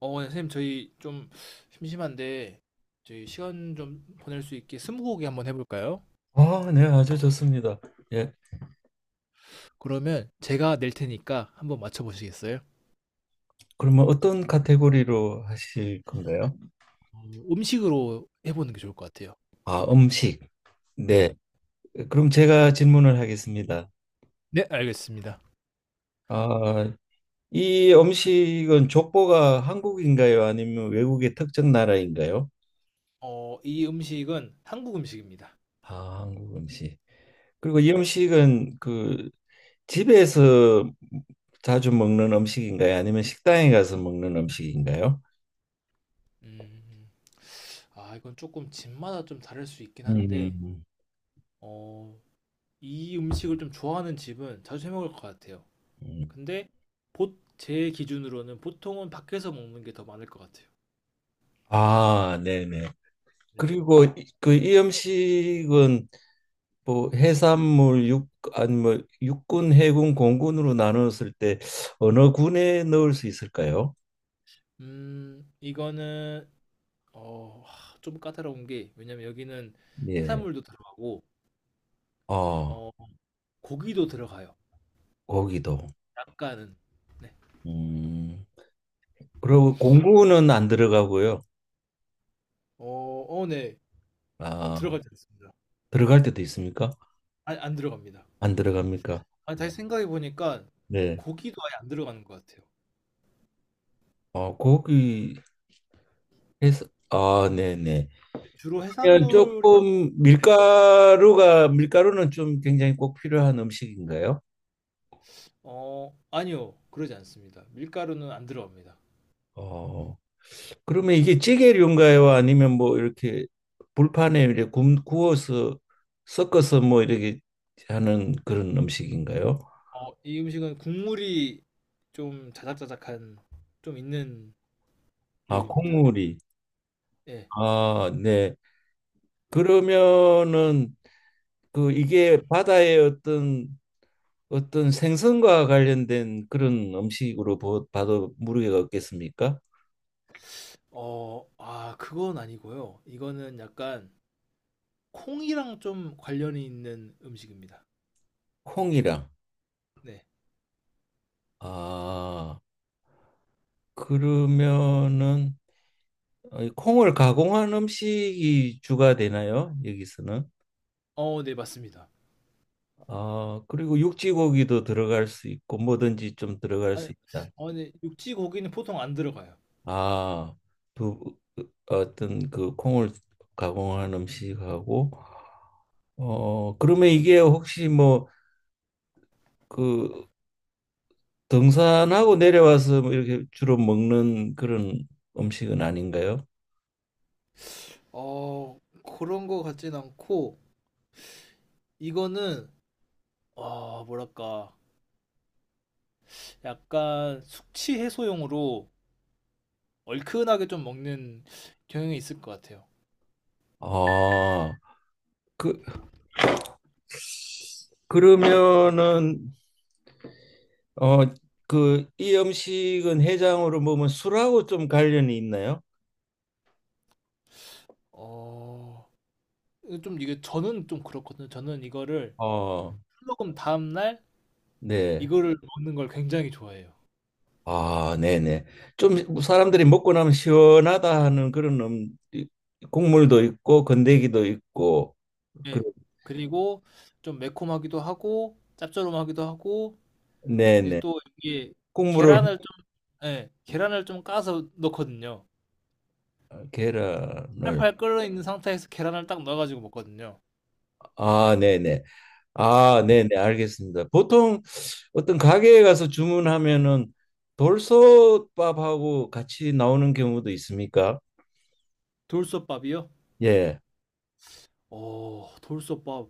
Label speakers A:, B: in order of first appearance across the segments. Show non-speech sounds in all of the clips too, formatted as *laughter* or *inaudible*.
A: 네, 선생님, 저희 좀 심심한데, 저희 시간 좀 보낼 수 있게 스무고개 한번 해볼까요?
B: 아, 네, 아주 좋습니다. 예.
A: 그러면 제가 낼 테니까 한번 맞춰보시겠어요?
B: 그러면 어떤 카테고리로 하실 건가요?
A: 어, 음식으로 해보는 게 좋을 것 같아요.
B: 아, 음식.
A: 네.
B: 네. 그럼 제가 질문을 하겠습니다.
A: 네, 알겠습니다.
B: 아, 이 음식은 족보가 한국인가요? 아니면 외국의 특정 나라인가요?
A: 이 음식은 한국 음식입니다.
B: 아, 한국 음식. 그리고 이
A: 네.
B: 음식은 그 집에서 자주 먹는 음식인가요? 아니면 식당에 가서 먹는 음식인가요?
A: 음, 이건 조금 집마다 좀 다를 수 있긴
B: 음.
A: 한데,
B: 음.
A: 어, 이 음식을 좀 좋아하는 집은 자주 해먹을 것 같아요.
B: 음.
A: 근데, 제 기준으로는 보통은 밖에서 먹는 게 더 많을 것 같아요.
B: 아, 네네.
A: 네.
B: 그리고 그 이염식은 뭐 해산물 육 아니 뭐 육군 해군 공군으로 나눴을 때 어느 군에 넣을 수 있을까요?
A: 이거는 좀 까다로운 게 왜냐면 여기는
B: 예.
A: 해산물도 들어가고
B: 어,
A: 어, 고기도 들어가요.
B: 거기도.
A: 약간은. 네.
B: 음. 그리고 공군은 안 들어가고요.
A: 어, 네.
B: 아,
A: 들어가지 않습니다.
B: 들어갈 때도 있습니까?
A: 아니, 안 들어갑니다.
B: 안 들어갑니까?
A: 아니, 다시 생각해 보니까
B: 네.
A: 고기도 아예 안 들어가는 것 같아요.
B: 어, 거기 해서 아, 네, 네.
A: 네, 주로 해
B: 그
A: 산
B: 면
A: 물
B: 조금
A: 인
B: 밀가루가 밀가루는 좀 굉장히 꼭 필요한 음식인가요?
A: 아니요, 그러지 않습니다. 밀가루는 안 들어갑니다.
B: 어. 그러면 이게 찌개류인가요? 아니면 뭐 이렇게 불판에 이렇게 구워서 섞어서 뭐 이렇게 하는 그런 음식인가요?
A: 이 음식은 국물이 좀 자작자작한 좀 있는
B: 아,
A: 요리입니다.
B: 국물이.
A: 예.
B: 아, 네. 그러면은 그 이게 바다의 어떤 어떤 생선과 관련된 그런 음식으로 봐도 무리가 없겠습니까?
A: 그건 아니고요. 이거는 약간 콩이랑 좀 관련이 있는 음식입니다.
B: 콩이랑.
A: 네.
B: 아, 그러면은 이 콩을 가공한 음식이 주가 되나요? 여기서는.
A: 네, 맞습니다.
B: 아, 그리고 육지고기도 들어갈 수 있고 뭐든지 좀 들어갈
A: 아니,
B: 수 있다.
A: 네, 육지 고기는 보통 안 들어가요.
B: 아, 두 어떤 그 콩을 가공한 음식하고 그러면 이게 혹시 뭐 그 등산하고 내려와서 뭐 이렇게 주로 먹는 그런 음식은 아닌가요?
A: 어, 그런 거 같진 않고, 이거는, 뭐랄까, 약간 숙취 해소용으로 얼큰하게 좀 먹는 경향이 있을 것 같아요.
B: 아, 그 그러면은 어, 이 음식은 해장으로 먹으면 술하고 좀 관련이 있나요?
A: 어, 좀 이게 저는 좀 그렇거든요. 저는 이거를
B: 어,
A: 술 먹은 다음날
B: 네.
A: 이거를 먹는 걸 굉장히 좋아해요.
B: 아, 네네. 좀 사람들이 먹고 나면 시원하다 하는 그런 국물도 있고 건더기도 있고, 그,
A: 예. 그리고 좀 매콤하기도 하고 짭조름하기도 하고 이제
B: 네네.
A: 또 이게
B: 국물을,
A: 계란을 좀, 예, 계란을 좀 까서 넣거든요.
B: 아, 계란을.
A: 팔팔 끓어 있는 상태에서 계란을 딱 넣어 가지고 먹거든요.
B: 아, 네네. 아, 네네. 알겠습니다. 보통 어떤 가게에 가서 주문하면은 돌솥밥하고 같이 나오는 경우도 있습니까?
A: 돌솥밥이요?
B: 예.
A: 돌솥밥.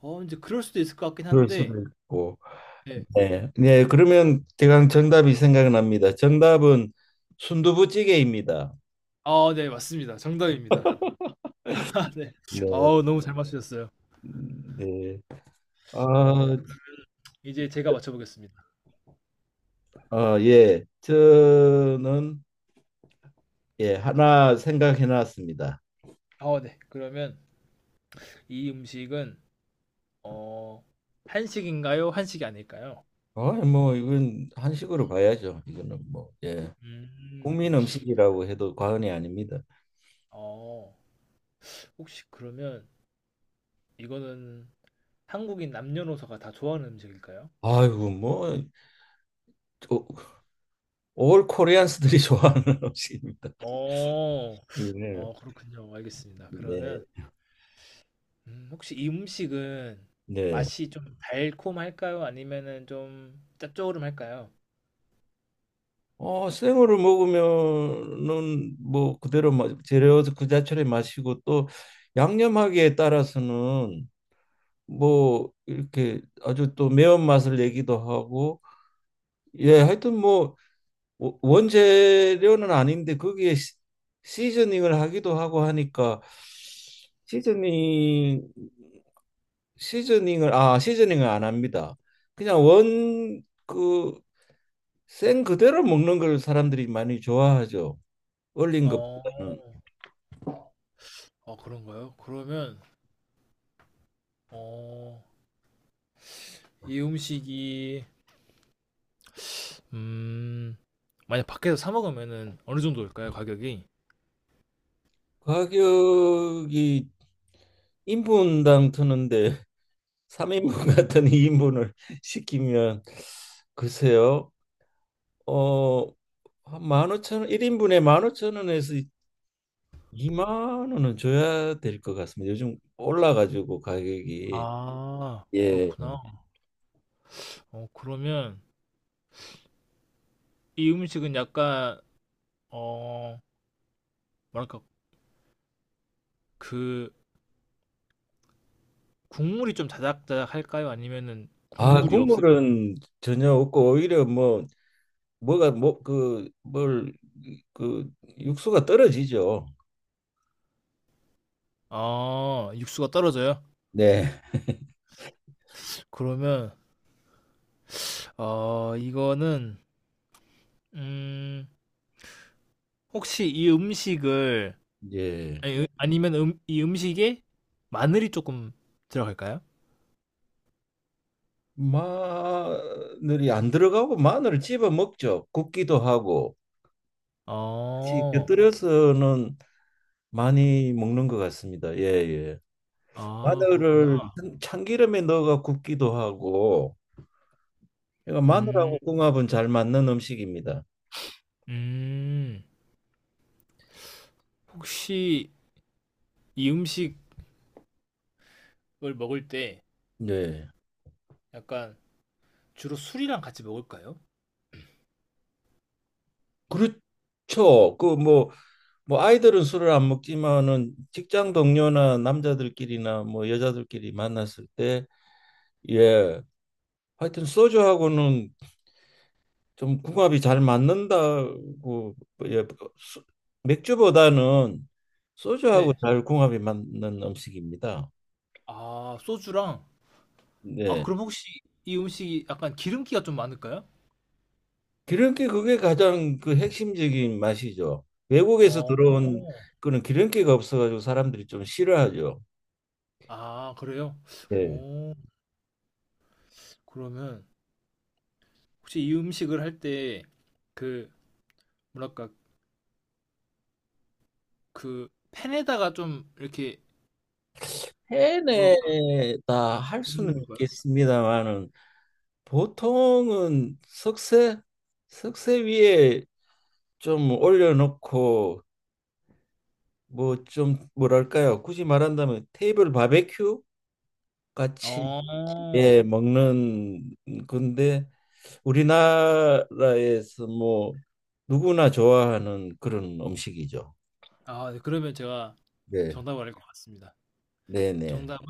A: 인제 그럴 수도 있을 것 같긴
B: 그럴
A: 한데.
B: 수도 있고.
A: 예.
B: 네. 네, 그러면 대강 정답이 생각납니다. 정답은 순두부찌개입니다.
A: 네, 맞습니다. 정답입니다. 네. *laughs*
B: 네.
A: 어우, 너무 잘 맞추셨어요.
B: 네.
A: 네.
B: 아,
A: 이제 제가 맞춰보겠습니다.
B: 아, 예. 저는 예, 하나 생각해 놨습니다.
A: 네. 그러면 이 음식은 어 한식인가요? 한식이 아닐까요?
B: 아, 뭐 이건 한식으로 봐야죠. 이거는 뭐 예.
A: 음.
B: 국민 음식이라고 해도 과언이 아닙니다.
A: 어, 혹시 그러면 이거는 한국인 남녀노소가 다 좋아하는 음식일까요?
B: 아이고 뭐 올 코리안스들이 *laughs* 좋아하는 음식입니다.
A: 어,
B: 네.
A: 그렇군요. 알겠습니다.
B: 네.
A: 그러면 혹시 이 음식은
B: 네.
A: 맛이 좀 달콤할까요? 아니면은 좀 짭조름할까요?
B: 어, 생으로 먹으면은 뭐 그대로 재료 그 자체를 마시고 또 양념하기에 따라서는 뭐 이렇게 아주 또 매운맛을 내기도 하고 예, 하여튼 뭐 원재료는 아닌데 거기에 시즈닝을 하기도 하고 하니까 시즈닝 시즈닝을 안 합니다. 그냥 원 그 생 그대로 먹는 걸 사람들이 많이 좋아하죠. 올린
A: 어,
B: 것보다는
A: 그런가요? 그러면 어, 이 음식이 음, 만약 밖에서 사 먹으면은 어느 정도일까요? 가격이?
B: 가격이 인분당 트는데 *laughs* 3인분 같은 2인분을 *laughs* 시키면 글쎄요. 어, 한1 5,000원 1인분에 15,000원에서 2만 원은 줘야 될 것 같습니다. 요즘 올라가지고 가격이
A: 아,
B: 예.
A: 그렇구나. 그러면 이 음식은 약간 어, 뭐랄까, 그, 국물이 좀 자작자작 할까요? 아니면은
B: 아,
A: 국물이 없을.
B: 국물은 전혀 없고 오히려 뭐 뭐가 뭐 그 뭘 그 육수가 떨어지죠.
A: 아, 육수가 떨어져요?
B: 네.
A: 그러면, 이거는, 음, 혹시 이 음식을,
B: 예.
A: 아니, 아니면 이 음식에 마늘이 조금 들어갈까요?
B: 마늘이 안 들어가고 마늘을 집어 먹죠. 굽기도 하고 같이
A: 어,
B: 곁들여서는 많이 먹는 것 같습니다. 예, 예.
A: 그렇구나.
B: 마늘을 참기름에 넣어가 굽기도 하고 그러니까 마늘하고
A: 음,
B: 궁합은 잘 맞는 음식입니다.
A: 음, 혹시 이 음식을 먹을 때
B: 네.
A: 약간 주로 술이랑 같이 먹을까요?
B: 그렇죠. 그 뭐 아이들은 술을 안 먹지만은 직장 동료나 남자들끼리나 뭐 여자들끼리 만났을 때 예. 하여튼 소주하고는 좀 궁합이 잘 맞는다고 예, 수- 맥주보다는 소주하고
A: 네.
B: 잘 궁합이 맞는 음식입니다.
A: 아, 소주랑.
B: 네.
A: 그럼 혹시 이 음식이 약간 기름기가 좀 많을까요?
B: 기름기 그게 가장 그 핵심적인 맛이죠. 외국에서
A: 어.
B: 들어온 그런 기름기가 없어가지고 사람들이 좀 싫어하죠.
A: 아, 그래요?
B: 네.
A: 어. 그러면 혹시 이 음식을 할 때 그 뭐랄까 그 팬에다가 좀 이렇게 뭐랄까
B: 해내다 할 수는
A: 굽는 걸까요?
B: 있겠습니다만은 보통은 석쇠 위에 좀 올려놓고 뭐 좀 뭐랄까요? 굳이 말한다면 테이블 바베큐 같이
A: 어.
B: 예 먹는 건데 우리나라에서 뭐 누구나 좋아하는 그런 음식이죠.
A: 네, 그러면 제가
B: 네,
A: 정답을 알 것 같습니다.
B: 네, 네,
A: 정답은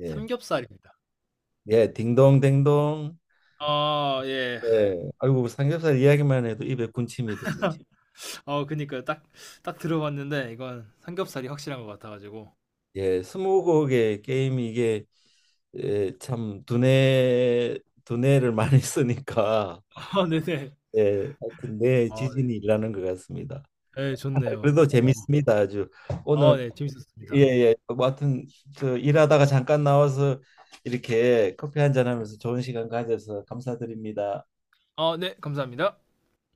B: 예,
A: 삼겹살입니다.
B: 예, 딩동댕동.
A: 예.
B: 예, 아이고 삼겹살 이야기만 해도 입에 군침이 도네.
A: 그니까요. 딱 딱 들어봤는데 이건 삼겹살이 확실한 것 같아 가지고.
B: 예, 스무고개 게임이 이게 예, 참 두뇌를 많이 쓰니까
A: *laughs* 네네.
B: 예, 하여튼 내
A: 아
B: 지진이 일어나는 것 같습니다.
A: 네. 예, 좋네요.
B: 그래도
A: 어.
B: 재밌습니다. 아주 오늘
A: 네. 재밌었습니다.
B: 예예 뭐 하여튼 그 일하다가 잠깐 나와서 이렇게 커피 한 잔 하면서 좋은 시간 가져서 감사드립니다.
A: 네. 감사합니다.